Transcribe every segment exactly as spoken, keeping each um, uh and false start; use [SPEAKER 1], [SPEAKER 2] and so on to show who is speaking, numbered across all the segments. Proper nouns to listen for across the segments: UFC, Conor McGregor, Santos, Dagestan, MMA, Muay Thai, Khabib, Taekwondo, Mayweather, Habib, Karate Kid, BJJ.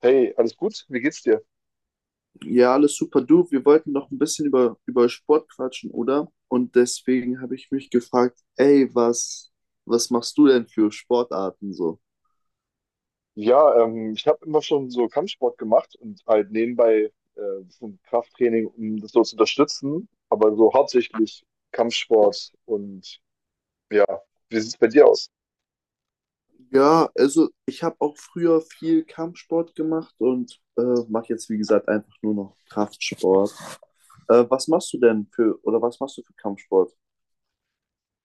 [SPEAKER 1] Hey, alles gut? Wie geht's dir?
[SPEAKER 2] Ja, alles super. Du, wir wollten noch ein bisschen über, über Sport quatschen, oder? Und deswegen habe ich mich gefragt, ey, was, was machst du denn für Sportarten so?
[SPEAKER 1] Ja, ähm, ich habe immer schon so Kampfsport gemacht und halt nebenbei äh, bisschen Krafttraining, um das so zu unterstützen, aber so hauptsächlich Kampfsport und ja, wie sieht's bei dir aus?
[SPEAKER 2] Ja, also ich habe auch früher viel Kampfsport gemacht und äh, mache jetzt, wie gesagt, einfach nur noch Kraftsport. Äh, was machst du denn für, oder was machst du für Kampfsport?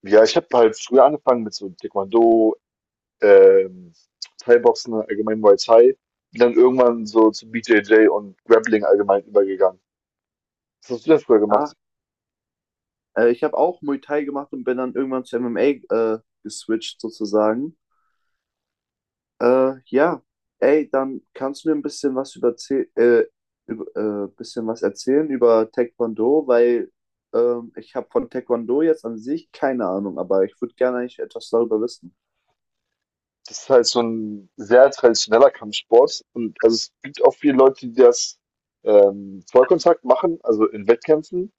[SPEAKER 1] Ja, ich habe halt früher angefangen mit so Taekwondo, ähm, Thai-Boxen, allgemein Muay Thai, bin dann irgendwann so zu B J J und Grappling allgemein übergegangen. Was hast du denn früher
[SPEAKER 2] Ah,
[SPEAKER 1] gemacht?
[SPEAKER 2] äh, ich habe auch Muay Thai gemacht und bin dann irgendwann zu M M A äh, geswitcht sozusagen. Äh, ja, Ey, dann kannst du mir ein bisschen was über, äh, über äh, bisschen was erzählen über Taekwondo, weil ähm, ich habe von Taekwondo jetzt an sich keine Ahnung, aber ich würde gerne eigentlich etwas darüber wissen.
[SPEAKER 1] Das ist halt so ein sehr traditioneller Kampfsport, und also, es gibt auch viele Leute, die das ähm, Vollkontakt machen, also in Wettkämpfen,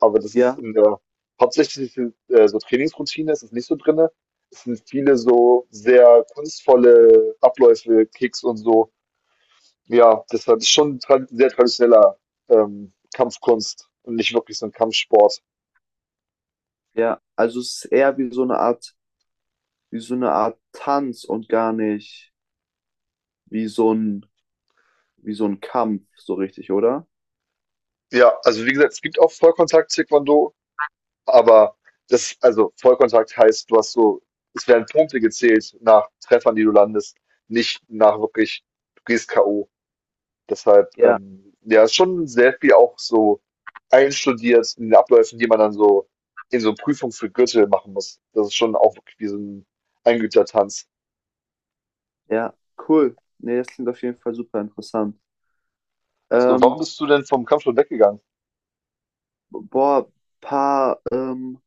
[SPEAKER 1] aber das ist
[SPEAKER 2] Ja,
[SPEAKER 1] in der hauptsächlichen, äh, so Trainingsroutine ist es nicht so drinne. Es sind viele so sehr kunstvolle Abläufe, Kicks und so. Ja, deshalb ist schon trad sehr traditioneller, ähm, Kampfkunst und nicht wirklich so ein Kampfsport.
[SPEAKER 2] ja, also es ist eher wie so eine Art, wie so eine Art Tanz und gar nicht wie so ein, wie so ein Kampf, so richtig, oder?
[SPEAKER 1] Ja, also wie gesagt, es gibt auch Vollkontakt-Taekwondo. Aber das, also Vollkontakt heißt, du hast so, es werden Punkte gezählt nach Treffern, die du landest, nicht nach wirklich, du gehst k o. Deshalb,
[SPEAKER 2] Ja,
[SPEAKER 1] ähm, ja, ist schon sehr viel auch so einstudiert in den Abläufen, die man dann so in so Prüfungen für Gürtel machen muss. Das ist schon auch wirklich wie so ein Eingeübter-Tanz.
[SPEAKER 2] ja, cool. Nee, das klingt auf jeden Fall super interessant.
[SPEAKER 1] So, warum
[SPEAKER 2] Ähm,
[SPEAKER 1] bist du denn vom Kampfsport weggegangen?
[SPEAKER 2] boah, paar, ähm,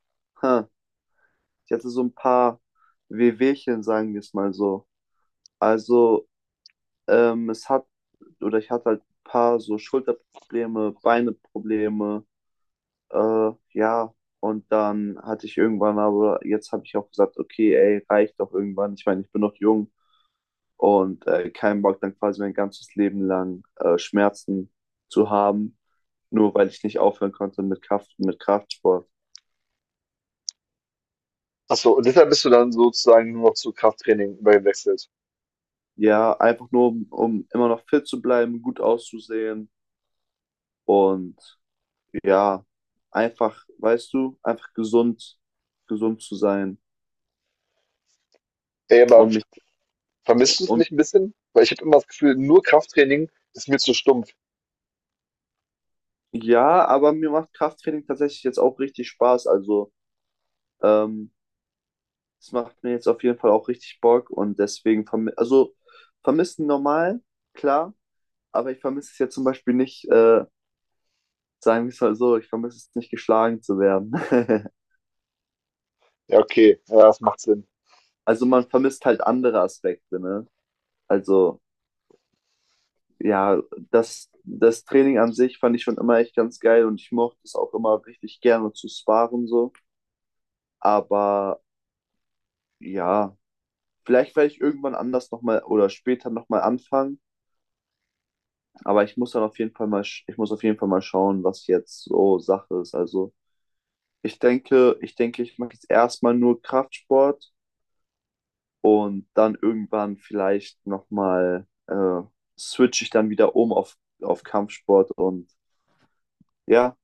[SPEAKER 2] Sie hatte so ein paar Wehwehchen, sagen wir es mal so. Also, ähm, es hat, oder ich hatte halt ein paar so Schulterprobleme, Beineprobleme, äh, ja. Und dann hatte ich irgendwann, aber jetzt habe ich auch gesagt, okay, ey, reicht doch irgendwann. Ich meine, ich bin noch jung und äh, keinen Bock, dann quasi mein ganzes Leben lang äh, Schmerzen zu haben, nur weil ich nicht aufhören konnte mit Kraft, mit Kraftsport.
[SPEAKER 1] Ach so, und deshalb bist du dann sozusagen nur noch zu Krafttraining übergewechselt.
[SPEAKER 2] Ja, einfach nur, um, um immer noch fit zu bleiben, gut auszusehen. Und ja, einfach, weißt du, einfach gesund, gesund zu sein.
[SPEAKER 1] Ey, aber
[SPEAKER 2] Und mich,
[SPEAKER 1] vermisst du es
[SPEAKER 2] und
[SPEAKER 1] nicht ein bisschen? Weil ich habe immer das Gefühl, nur Krafttraining ist mir zu stumpf.
[SPEAKER 2] ja, aber mir macht Krafttraining tatsächlich jetzt auch richtig Spaß. Also, ähm, es macht mir jetzt auf jeden Fall auch richtig Bock und deswegen, vermi also, vermissen normal, klar, aber ich vermisse es jetzt zum Beispiel nicht, äh, sagen wir es mal so, ich vermisse es nicht, geschlagen zu werden.
[SPEAKER 1] Ja, okay. Ja, das macht Sinn.
[SPEAKER 2] Also, man vermisst halt andere Aspekte, ne? Also, ja, das, das Training an sich fand ich schon immer echt ganz geil und ich mochte es auch immer richtig gerne zu sparen so. Aber ja, vielleicht werde ich irgendwann anders nochmal oder später nochmal anfangen. Aber ich muss dann auf jeden Fall mal, sch- ich muss auf jeden Fall mal schauen, was jetzt so Sache ist. Also ich denke, ich denke, ich mache jetzt erstmal nur Kraftsport und dann irgendwann vielleicht nochmal äh, switche ich dann wieder um auf, auf Kampfsport und ja,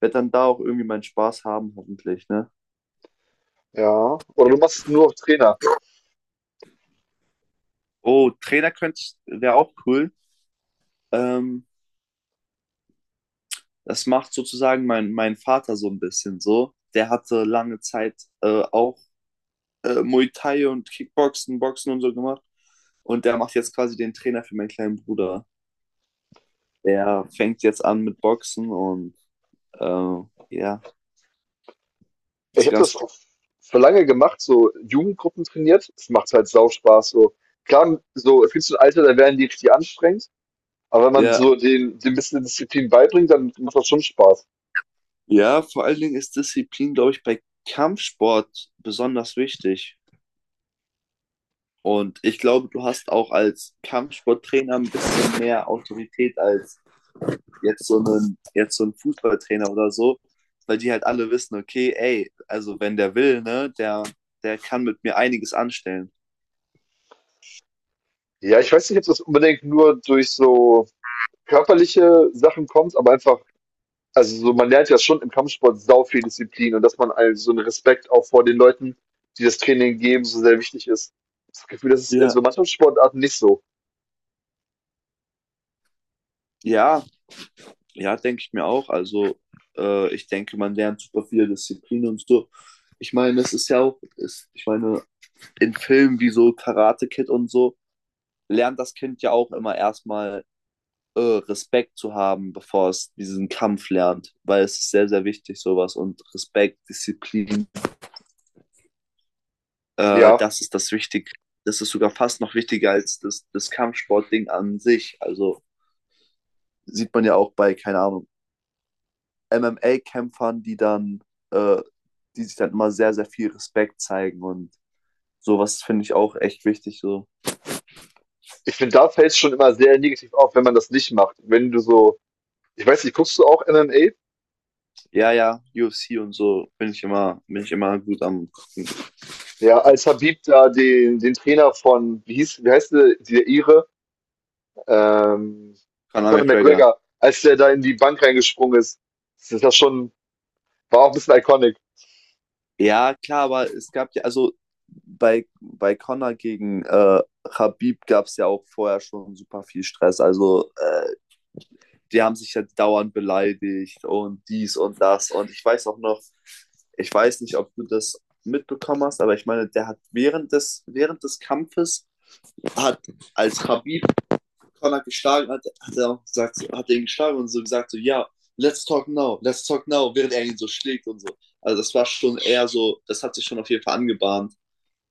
[SPEAKER 2] werde dann da auch irgendwie meinen Spaß haben, hoffentlich, ne?
[SPEAKER 1] Ja. Oder du machst es nur auf Trainer.
[SPEAKER 2] Oh, Trainer könnte, wäre auch cool. Ähm, das macht sozusagen mein, mein Vater so ein bisschen so. Der hatte lange Zeit äh, auch äh, Muay Thai und Kickboxen, Boxen und so gemacht. Und der macht jetzt quasi den Trainer für meinen kleinen Bruder. Der fängt jetzt an mit Boxen und äh, ja,
[SPEAKER 1] Ich
[SPEAKER 2] ist
[SPEAKER 1] habe
[SPEAKER 2] ganz
[SPEAKER 1] das
[SPEAKER 2] cool.
[SPEAKER 1] auf, für lange gemacht, so Jugendgruppen trainiert. Das macht halt sau Spaß. So. Klar, so fühlst du ein Alter, da werden die richtig anstrengend. Aber wenn man
[SPEAKER 2] Ja,
[SPEAKER 1] so den, den bisschen Disziplin beibringt, dann macht das schon Spaß.
[SPEAKER 2] ja, vor allen Dingen ist Disziplin, glaube ich, bei Kampfsport besonders wichtig. Und ich glaube, du hast auch als Kampfsporttrainer ein bisschen mehr Autorität als jetzt so ein, jetzt so ein Fußballtrainer oder so, weil die halt alle wissen, okay, ey, also wenn der will, ne, der, der kann mit mir einiges anstellen.
[SPEAKER 1] Ja, ich weiß nicht, ob das unbedingt nur durch so körperliche Sachen kommt, aber einfach, also so, man lernt ja schon im Kampfsport sau viel Disziplin, und dass man also so einen Respekt auch vor den Leuten, die das Training geben, so sehr wichtig ist. Das Gefühl, das ist in
[SPEAKER 2] Ja.
[SPEAKER 1] so Mannschaftssportarten nicht so.
[SPEAKER 2] Ja, ja, denke ich mir auch. Also äh, ich denke, man lernt super viele Disziplinen und so. Ich meine, das ist ja auch, ist, ich meine, in Filmen wie so Karate Kid und so, lernt das Kind ja auch immer erstmal äh, Respekt zu haben, bevor es diesen Kampf lernt, weil es ist sehr, sehr wichtig, sowas. Und Respekt, Disziplin, äh,
[SPEAKER 1] Ja,
[SPEAKER 2] das ist das Wichtige. Das ist sogar fast noch wichtiger als das, das Kampfsportding an sich. Also sieht man ja auch bei, keine Ahnung, M M A-Kämpfern, die dann, äh, die sich dann immer sehr, sehr viel Respekt zeigen und sowas finde ich auch echt wichtig. So,
[SPEAKER 1] ich finde, da fällt es schon immer sehr negativ auf, wenn man das nicht macht. Wenn du so, ich weiß nicht, guckst du auch M M A?
[SPEAKER 2] ja, ja, U F C und so bin ich immer, bin ich immer gut am gucken.
[SPEAKER 1] Ja, als Habib da den, den Trainer von, wie hieß, wie heißt der, der Ire? Ähm,
[SPEAKER 2] Conor
[SPEAKER 1] Conor
[SPEAKER 2] McGregor.
[SPEAKER 1] McGregor, als der da in die Bank reingesprungen ist, das ist das schon, war auch ein bisschen iconic.
[SPEAKER 2] Ja, klar, aber es gab ja, also bei, bei Conor gegen äh, Khabib gab es ja auch vorher schon super viel Stress. Also, äh, die haben sich ja dauernd beleidigt und dies und das. Und ich weiß auch noch, ich weiß nicht, ob du das mitbekommen hast, aber ich meine, der hat während des, während des Kampfes, hat, als Khabib Connor geschlagen hat, hat er auch gesagt, so- hat er ihn geschlagen und so gesagt, so, ja, let's talk now, let's talk now, während er ihn so schlägt und so. Also das war schon eher so, das hat sich schon auf jeden Fall angebahnt,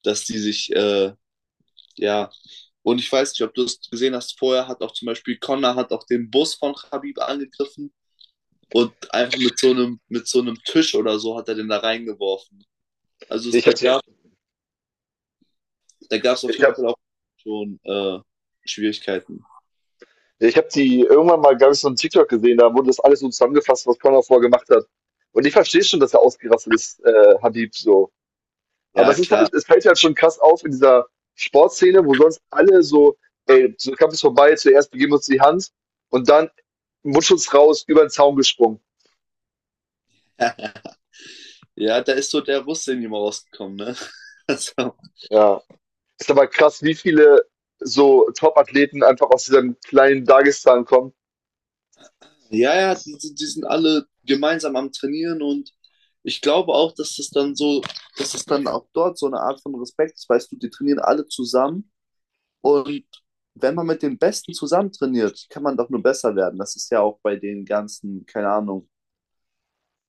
[SPEAKER 2] dass die sich, äh, ja, und ich weiß nicht, ob du es gesehen hast, vorher hat auch zum Beispiel Connor hat auch den Bus von Khabib angegriffen und einfach mit so einem, mit so einem Tisch oder so hat er den da reingeworfen. Also
[SPEAKER 1] Ja,
[SPEAKER 2] es,
[SPEAKER 1] Ich
[SPEAKER 2] da
[SPEAKER 1] habe die,
[SPEAKER 2] gab, es da gab es auf
[SPEAKER 1] ich
[SPEAKER 2] jeden
[SPEAKER 1] hab,
[SPEAKER 2] Fall auch schon äh, Schwierigkeiten.
[SPEAKER 1] ja, ich hab die irgendwann mal, glaube ich, so einen TikTok gesehen, da wurde das alles so zusammengefasst, was Conor vorher gemacht hat. Und ich verstehe schon, dass er ausgerastet ist, äh, Habib, so. Aber
[SPEAKER 2] Ja,
[SPEAKER 1] das ist
[SPEAKER 2] klar.
[SPEAKER 1] halt, es fällt halt schon krass auf in dieser Sportszene, wo sonst alle so, ey, so Kampf ist vorbei, zuerst begeben wir uns die Hand und dann Mundschutz raus, über den Zaun gesprungen.
[SPEAKER 2] Ja, da ist so der Russe in ihm rausgekommen, ne? Also,
[SPEAKER 1] Ja, ist aber krass, wie viele so Top-Athleten einfach aus diesem kleinen Dagestan kommen.
[SPEAKER 2] ja, ja, die, die die sind alle gemeinsam am Trainieren und ich glaube auch, dass das dann so, dass das dann auch dort so eine Art von Respekt ist, weißt du, die trainieren alle zusammen und wenn man mit den Besten zusammen trainiert, kann man doch nur besser werden. Das ist ja auch bei den ganzen, keine Ahnung,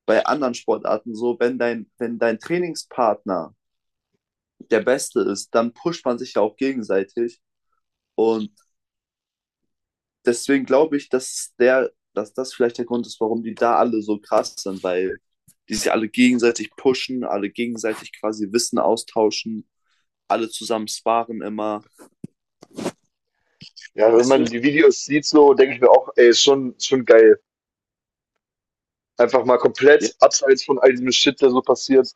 [SPEAKER 2] bei anderen Sportarten so, wenn dein, wenn dein Trainingspartner der Beste ist, dann pusht man sich ja auch gegenseitig und deswegen glaube ich, dass der, dass das vielleicht der Grund ist, warum die da alle so krass sind, weil die sich alle gegenseitig pushen, alle gegenseitig quasi Wissen austauschen, alle zusammen sparen immer.
[SPEAKER 1] Ja, wenn
[SPEAKER 2] Weißt du?
[SPEAKER 1] man die Videos sieht, so denke ich mir auch, ey, ist schon, schon geil. Einfach mal
[SPEAKER 2] Ja,
[SPEAKER 1] komplett abseits von all diesem Shit, der so passiert.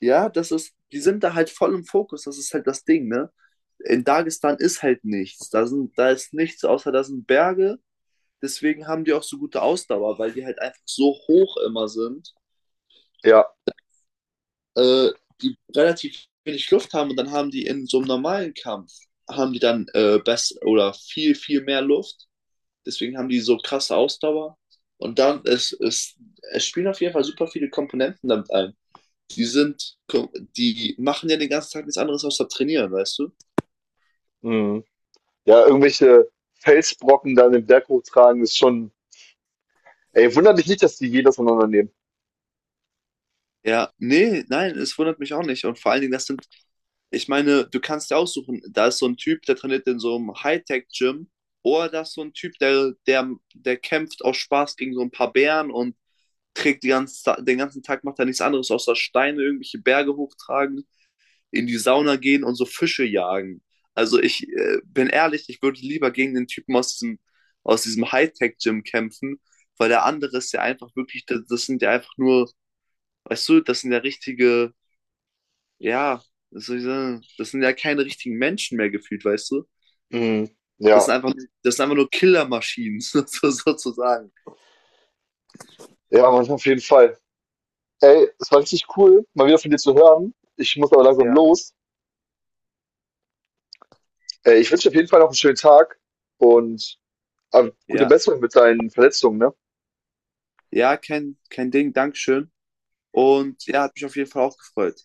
[SPEAKER 2] ja, das ist, die sind da halt voll im Fokus, das ist halt das Ding, ne? In Dagestan ist halt nichts. Da, sind, da ist nichts, außer da sind Berge. Deswegen haben die auch so gute Ausdauer, weil die halt einfach so hoch immer sind,
[SPEAKER 1] Ja,
[SPEAKER 2] äh, die relativ wenig Luft haben und dann haben die in so einem normalen Kampf, haben die dann äh, best oder viel, viel mehr Luft. Deswegen haben die so krasse Ausdauer. Und dann, es, es, es spielen auf jeden Fall super viele Komponenten damit ein. Die sind, die machen ja den ganzen Tag nichts anderes außer trainieren, weißt du?
[SPEAKER 1] mhm, ja, irgendwelche Felsbrocken da in den Berg hochtragen, ist schon, ey, wundert mich nicht, dass die jedes auseinandernehmen.
[SPEAKER 2] Ja, nee, nein, es wundert mich auch nicht. Und vor allen Dingen, das sind, ich meine, du kannst dir aussuchen, da ist so ein Typ, der trainiert in so einem Hightech-Gym, oder da ist so ein Typ, der, der, der kämpft aus Spaß gegen so ein paar Bären und trägt die ganze, Ta- den ganzen Tag, macht er nichts anderes, außer Steine, irgendwelche Berge hochtragen, in die Sauna gehen und so Fische jagen. Also ich äh, bin ehrlich, ich würde lieber gegen den Typen aus diesem, aus diesem Hightech-Gym kämpfen, weil der andere ist ja einfach wirklich, das das sind ja einfach nur. Weißt du, das sind ja richtige, ja, was soll ich sagen, das sind ja keine richtigen Menschen mehr gefühlt, weißt du?
[SPEAKER 1] Mhm.
[SPEAKER 2] Das
[SPEAKER 1] Ja,
[SPEAKER 2] sind einfach, das sind einfach nur Killermaschinen, so- sozusagen.
[SPEAKER 1] ja, Mann, auf jeden Fall. Ey, es war richtig cool, mal wieder von dir zu hören. Ich muss aber langsam
[SPEAKER 2] Ja,
[SPEAKER 1] los. Äh, ich wünsche dir auf jeden Fall noch einen schönen Tag und äh, gute
[SPEAKER 2] ja,
[SPEAKER 1] Besserung mit deinen Verletzungen, ne?
[SPEAKER 2] ja, kein, kein Ding, Dankeschön. Und ja, hat mich auf jeden Fall auch gefreut.